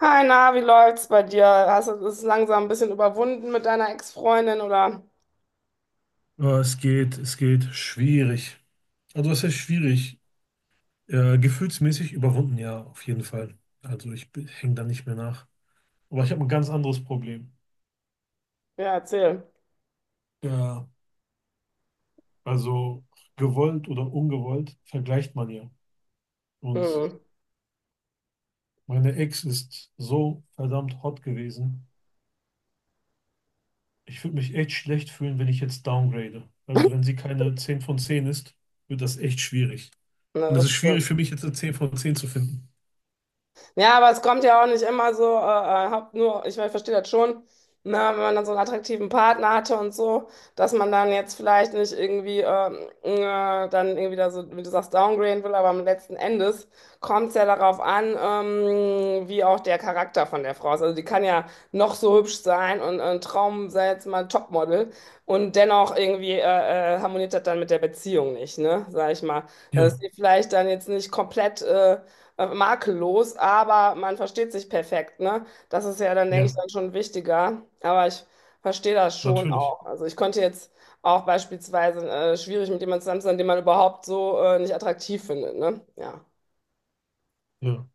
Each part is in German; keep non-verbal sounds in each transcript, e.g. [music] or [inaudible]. Hi, na, wie läuft's bei dir? Hast du es langsam ein bisschen überwunden mit deiner Ex-Freundin oder? Ja, es geht schwierig. Also es ist schwierig. Gefühlsmäßig überwunden, ja, auf jeden Fall. Also ich hänge da nicht mehr nach. Aber ich habe ein ganz anderes Problem. Ja, erzähl. Ja, also gewollt oder ungewollt vergleicht man ja. Und Hm, meine Ex ist so verdammt hot gewesen. Ich würde mich echt schlecht fühlen, wenn ich jetzt downgrade. Also wenn sie keine 10 von 10 ist, wird das echt schwierig. na, Und es das ist schwierig stimmt. für mich jetzt eine 10 von 10 zu finden. Ja, aber es kommt ja auch nicht immer so, haupt nur, ich, mein, ich verstehe das schon, ne, wenn man dann so einen attraktiven Partner hatte und so, dass man dann jetzt vielleicht nicht irgendwie dann irgendwie da so, wie du sagst, downgraden will, aber am letzten Endes kommt es ja darauf an, wie auch der Charakter von der Frau ist. Also die kann ja noch so hübsch sein und ein Traum sei jetzt mal ein Topmodel und dennoch irgendwie harmoniert das dann mit der Beziehung nicht, ne, sag ich mal. Dass Ja, sie vielleicht dann jetzt nicht komplett... makellos, aber man versteht sich perfekt, ne? Das ist ja dann, denke ich, ja, dann schon wichtiger. Aber ich verstehe das schon natürlich. auch. Also ich konnte jetzt auch beispielsweise schwierig mit jemandem zusammen sein, den man überhaupt so nicht attraktiv findet, ne? Ja. Ja.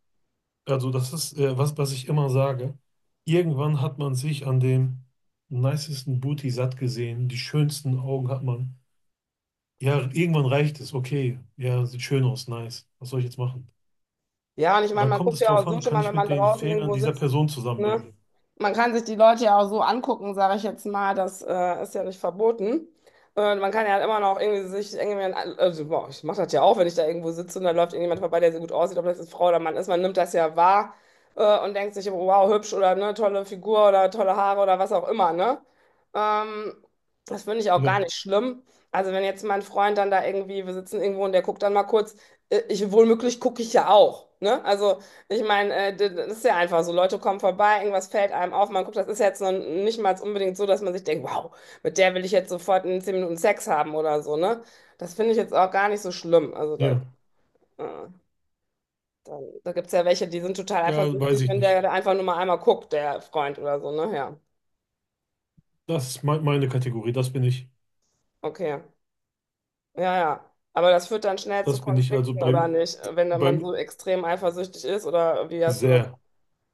Also das ist was ich immer sage. Irgendwann hat man sich an dem nicesten Booty satt gesehen, die schönsten Augen hat man. Ja, irgendwann reicht es, okay, ja, sieht schön aus, nice. Was soll ich jetzt machen? Ja, und ich meine, Dann man kommt guckt es ja drauf auch so an, schon kann mal, wenn ich man mit den draußen Fehlern irgendwo dieser sitzt, Person ne? zusammenleben? Man kann sich die Leute ja auch so angucken, sage ich jetzt mal, das ist ja nicht verboten. Und man kann ja halt immer noch irgendwie sich irgendwie, also, boah, ich mache das ja auch, wenn ich da irgendwo sitze und da läuft irgendjemand vorbei, der so gut aussieht, ob das jetzt Frau oder Mann ist, man nimmt das ja wahr, und denkt sich, wow, hübsch oder ne, tolle Figur oder tolle Haare oder was auch immer, ne? Ähm, das finde ich auch gar Ja, nicht schlimm. Also wenn jetzt mein Freund dann da irgendwie, wir sitzen irgendwo und der guckt dann mal kurz, ich wohlmöglich gucke ich ja auch. Ne? Also, ich meine, das ist ja einfach so. Leute kommen vorbei, irgendwas fällt einem auf, man guckt, das ist jetzt noch nicht mal unbedingt so, dass man sich denkt, wow, mit der will ich jetzt sofort in 10 Minuten Sex haben oder so, ne? Das finde ich jetzt auch gar nicht so schlimm. Also, ja, äh, da gibt es ja welche, die sind total ja, weiß eifersüchtig, ich wenn der nicht. da einfach nur mal einmal guckt, der Freund oder so, ne? Ja, Das ist me meine Kategorie, das bin ich. okay. Ja, ja. Aber das führt dann schnell zu Das bin ich also Konflikten, oder beim, nicht? Wenn dann man beim so extrem eifersüchtig ist, oder wie hast du das? sehr,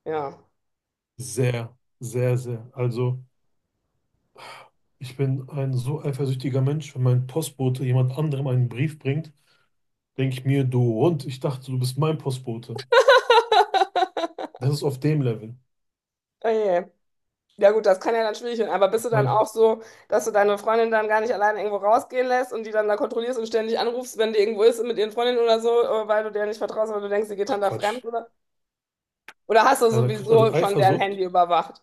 Ja. sehr, sehr, sehr. Also ich bin ein so eifersüchtiger Mensch, wenn mein Postbote jemand anderem einen Brief bringt, denke ich mir, du und ich dachte, du bist mein Postbote. Das ist auf dem Level. Oh je. Ja gut, das kann ja dann schwierig werden, aber bist du dann Mein, auch so, dass du deine Freundin dann gar nicht alleine irgendwo rausgehen lässt und die dann da kontrollierst und ständig anrufst, wenn die irgendwo ist mit ihren Freundinnen oder so, weil du der nicht vertraust, weil du denkst, die geht Ach, dann da fremd Quatsch. oder? Oder hast du Nein, nein, Quatsch. Also sowieso schon deren Eifersucht? Handy überwacht?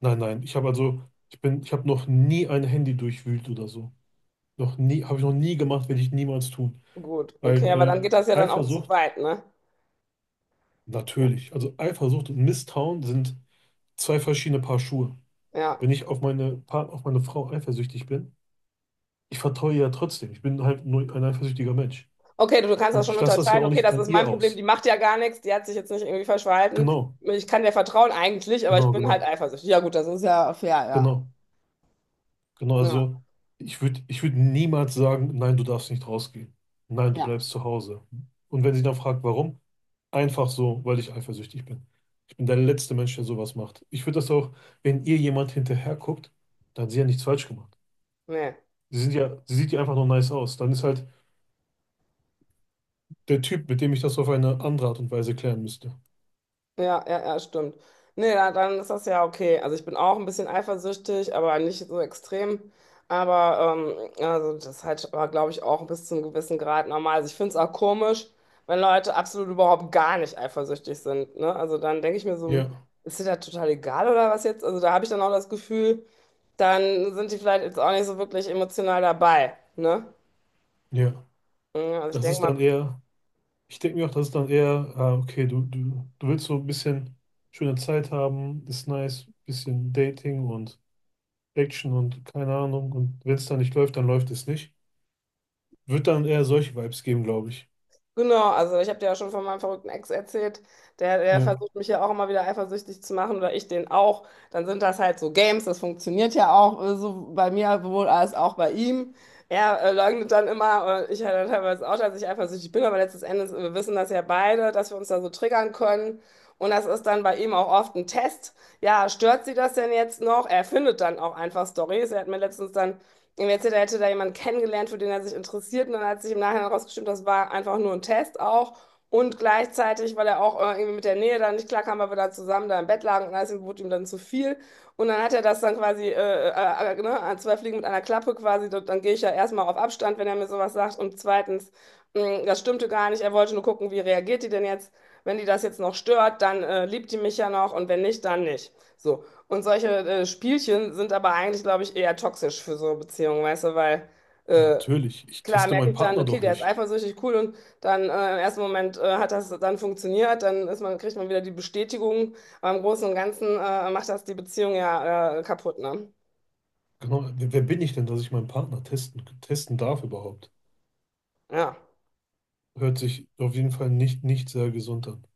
Nein, nein. Ich habe also, ich bin, ich habe noch nie ein Handy durchwühlt oder so. Noch nie, habe ich noch nie gemacht, werde ich niemals tun. Gut, Weil okay, aber dann geht das ja dann auch zu Eifersucht, weit, ne? natürlich. Also Eifersucht und Misstrauen sind zwei verschiedene Paar Schuhe. Ja. Wenn ich auf auf meine Frau eifersüchtig bin, ich vertraue ihr ja trotzdem. Ich bin halt nur ein eifersüchtiger Mensch. Okay, du kannst das Und schon ich lasse das ja unterscheiden. auch Okay, nicht das an ist ihr mein Problem, die aus. macht ja gar nichts, die hat sich jetzt nicht irgendwie falsch verhalten. Genau, Ich kann der vertrauen eigentlich, aber ich genau, bin halt genau. eifersüchtig. Ja gut, das ist ja fair, ja. Genau, genau. Ja, Also ich würd niemals sagen, nein, du darfst nicht rausgehen. Nein, du ja. bleibst zu Hause. Und wenn sie dann fragt, warum, einfach so, weil ich eifersüchtig bin. Ich bin der letzte Mensch, der sowas macht. Ich würde das auch, wenn ihr jemand hinterher guckt, dann hat sie ja nichts falsch gemacht. Nee. Sie sieht ja einfach nur nice aus. Dann ist halt der Typ, mit dem ich das auf eine andere Art und Weise klären müsste. Ja, ja, ja, stimmt. Nee, da, dann ist das ja okay. Also ich bin auch ein bisschen eifersüchtig, aber nicht so extrem. Aber also das ist halt, glaube ich, auch bis zu einem gewissen Grad normal. Also ich finde es auch komisch, wenn Leute absolut überhaupt gar nicht eifersüchtig sind. Ne? Also dann denke ich mir so, Ja, ist dir das total egal oder was jetzt? Also da habe ich dann auch das Gefühl, dann sind die vielleicht jetzt auch nicht so wirklich emotional dabei. Ne? ja. Ja, also ich Das denke ist dann mal. eher. Ich denke mir auch, das ist dann eher, ah, okay, du willst so ein bisschen schöne Zeit haben, ist nice, bisschen Dating und Action und keine Ahnung. Und wenn es dann nicht läuft, dann läuft es nicht. Wird dann eher solche Vibes geben, glaube ich. Genau, also ich habe dir ja schon von meinem verrückten Ex erzählt, der Ja, versucht mich ja auch immer wieder eifersüchtig zu machen oder ich den auch. Dann sind das halt so Games, das funktioniert ja auch so bei mir wohl als auch bei ihm. Er leugnet dann immer, ich ja dann teilweise auch, dass ich eifersüchtig bin, aber letztes Endes wir wissen das ja beide, dass wir uns da so triggern können. Und das ist dann bei ihm auch oft ein Test. Ja, stört sie das denn jetzt noch? Er findet dann auch einfach Storys. Er hat mir letztens dann ihm erzählt, er hätte da jemanden kennengelernt, für den er sich interessiert. Und dann hat sich im Nachhinein herausgestellt, das war einfach nur ein Test auch. Und gleichzeitig, weil er auch irgendwie mit der Nähe da nicht klarkam, weil wir da zusammen da im Bett lagen und alles wurde ihm dann zu viel. Und dann hat er das dann quasi, ne, zwei Fliegen mit einer Klappe quasi. Dann gehe ich ja erstmal auf Abstand, wenn er mir sowas sagt. Und zweitens, mh, das stimmte gar nicht. Er wollte nur gucken, wie reagiert die denn jetzt. Wenn die das jetzt noch stört, dann liebt die mich ja noch und wenn nicht, dann nicht. So, und solche Spielchen sind aber eigentlich, glaube ich, eher toxisch für so Beziehungen, weißt du, weil äh, natürlich. Ich klar teste merke meinen ich dann, Partner okay, doch der ist nicht. eifersüchtig, cool, und dann im ersten Moment hat das dann funktioniert, dann ist man, kriegt man wieder die Bestätigung, aber im Großen und Ganzen macht das die Beziehung ja kaputt, ne? Genau, wer bin ich denn, dass ich meinen Partner testen darf überhaupt? Ja. Hört sich auf jeden Fall nicht, nicht sehr gesund an.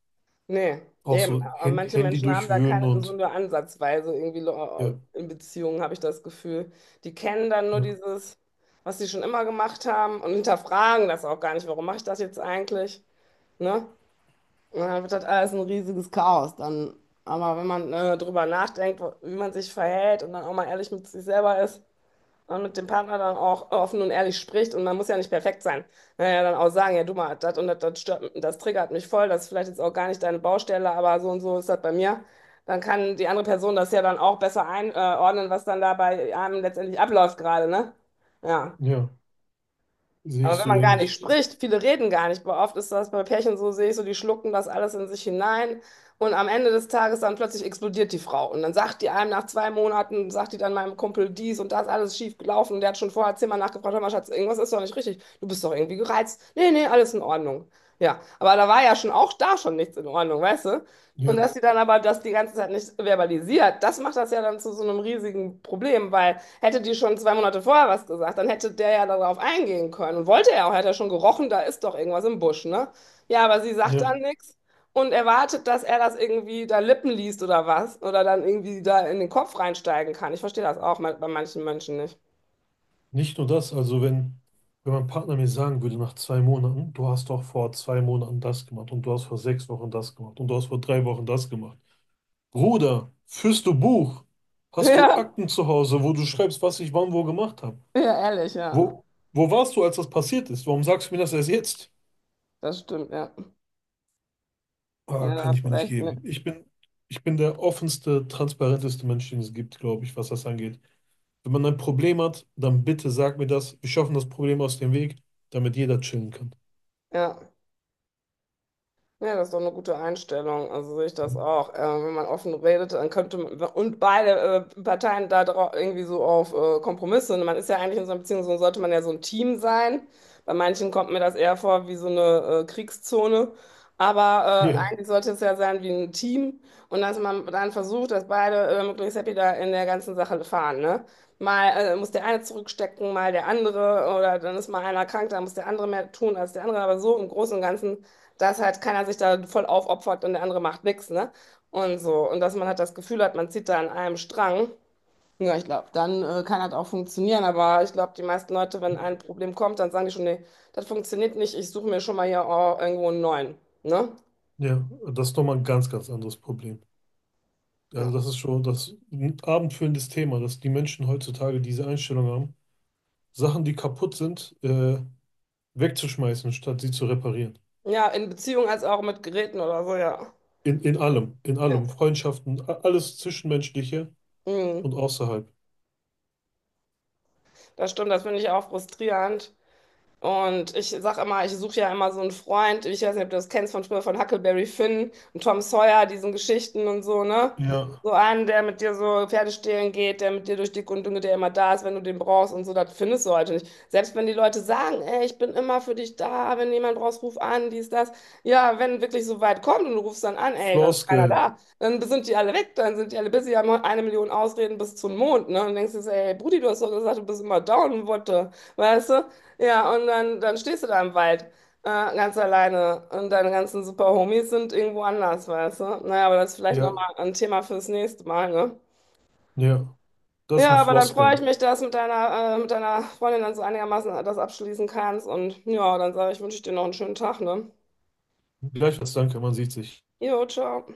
Nee, Auch eben. so Aber manche Handy Menschen haben da durchwühlen keine und gesunde Ansatzweise irgendwie ja, in Beziehungen, habe ich das Gefühl. Die kennen dann nur ja, dieses, was sie schon immer gemacht haben und hinterfragen das auch gar nicht. Warum mache ich das jetzt eigentlich? Ne? Und dann wird das alles ein riesiges Chaos dann. Aber wenn man drüber nachdenkt, wie man sich verhält und dann auch mal ehrlich mit sich selber ist, und mit dem Partner dann auch offen und ehrlich spricht und man muss ja nicht perfekt sein. Naja, dann auch sagen, ja, du mal, das und das, das stört, das triggert mich voll, das ist vielleicht jetzt auch gar nicht deine Baustelle, aber so und so ist das bei mir. Dann kann die andere Person das ja dann auch besser einordnen, was dann da bei einem letztendlich abläuft gerade, ne? Ja. ja, sehe Aber ich wenn so man gar nicht ähnlich. spricht, viele reden gar nicht. Aber oft ist das bei Pärchen so, sehe ich so, die schlucken das alles in sich hinein. Und am Ende des Tages dann plötzlich explodiert die Frau. Und dann sagt die einem nach 2 Monaten, sagt die dann meinem Kumpel dies und das, alles schief gelaufen. Und der hat schon vorher zehnmal nachgefragt, hör mal, Schatz, irgendwas ist doch nicht richtig. Du bist doch irgendwie gereizt. Nee, nee, alles in Ordnung. Ja, aber da war ja schon auch da schon nichts in Ordnung, weißt du? Und Ja, dass die dann aber das die ganze Zeit nicht verbalisiert, das macht das ja dann zu so einem riesigen Problem, weil hätte die schon 2 Monate vorher was gesagt, dann hätte der ja darauf eingehen können. Und wollte er auch, hätte er schon gerochen, da ist doch irgendwas im Busch, ne? Ja, aber sie sagt dann ja. nichts und erwartet, dass er das irgendwie da Lippen liest oder was. Oder dann irgendwie da in den Kopf reinsteigen kann. Ich verstehe das auch bei manchen Menschen nicht. Nicht nur das, also wenn mein Partner mir sagen würde nach 2 Monaten, du hast doch vor 2 Monaten das gemacht und du hast vor 6 Wochen das gemacht und du hast vor 3 Wochen das gemacht. Bruder, führst du Buch? [laughs] Hast du Ja, Akten zu Hause, wo du schreibst, was ich wann wo gemacht habe? ja, ehrlich, ja. Wo, wo warst du, als das passiert ist? Warum sagst du mir das erst jetzt? Das stimmt, ja. Ah, Ja, da kann ich hast du mir nicht recht, ne? geben. Ich bin der offenste, transparenteste Mensch, den es gibt, glaube ich, was das angeht. Wenn man ein Problem hat, dann bitte sag mir das. Wir schaffen das Problem aus dem Weg, damit jeder chillen kann. Ja. Ja, das ist doch eine gute Einstellung. Also sehe ich das auch. Wenn man offen redet, dann könnte man, und beide Parteien irgendwie so auf Kompromisse. Und man ist ja eigentlich in so einer Beziehung, so sollte man ja so ein Team sein. Bei manchen kommt mir das eher vor wie so eine Kriegszone. Aber Ja, eigentlich sollte es ja sein wie ein Team. Und dass man dann versucht, dass beide möglichst happy da in der ganzen Sache fahren, ne? Mal muss der eine zurückstecken, mal der andere. Oder dann ist mal einer krank, dann muss der andere mehr tun als der andere. Aber so im Großen und Ganzen, dass halt keiner sich da voll aufopfert und der andere macht nichts, ne? Und so. Und dass man halt das Gefühl hat, man zieht da an einem Strang. Ja, ich glaube, dann kann das auch funktionieren. Aber ich glaube, die meisten Leute, wenn ein Problem kommt, dann sagen die schon, nee, das funktioniert nicht, ich suche mir schon mal hier oh, irgendwo einen neuen, ne? ja, das ist nochmal ein ganz, ganz anderes Problem. Also Ja. das ist schon das ein abendfüllendes Thema, dass die Menschen heutzutage diese Einstellung haben, Sachen, die kaputt sind, wegzuschmeißen, statt sie zu reparieren. Ja, in Beziehung als auch mit Geräten oder so, ja. In allem, Ja. Freundschaften, alles Zwischenmenschliche und Mhm. außerhalb. Das stimmt, das finde ich auch frustrierend. Und ich sag immer, ich suche ja immer so einen Freund, ich weiß nicht, ob du das kennst von früher, von Huckleberry Finn und Tom Sawyer, diesen Geschichten und so, ne? Ja, So einen, der mit dir so Pferde stehlen geht, der mit dir durch dick und dünn geht, der immer da ist, wenn du den brauchst und so, das findest du heute nicht. Selbst wenn die Leute sagen, ey, ich bin immer für dich da, wenn jemand brauchst, ruf an, dies, das. Ja, wenn wirklich so weit kommt und du rufst dann an, ey, da ist keiner Floskeln. da, dann sind die alle weg, dann sind die alle busy, haben 1 Million Ausreden bis zum Mond, ne? Und denkst dir, so, ey, Brudi, du hast doch gesagt, du bist immer down, what the, weißt du? Ja, und dann, dann stehst du da im Wald, ganz alleine. Und deine ganzen super Homies sind irgendwo anders, weißt du? Naja, aber das ist vielleicht Ja, nochmal ein Thema fürs nächste Mal, ne? ja, das sind Ja, aber dann freue ich Floskeln. mich, dass mit deiner Freundin dann so einigermaßen das abschließen kannst. Und ja, dann sage ich, wünsche ich dir noch einen schönen Tag, ne? Gleichfalls danke, man sieht sich. Jo, ciao.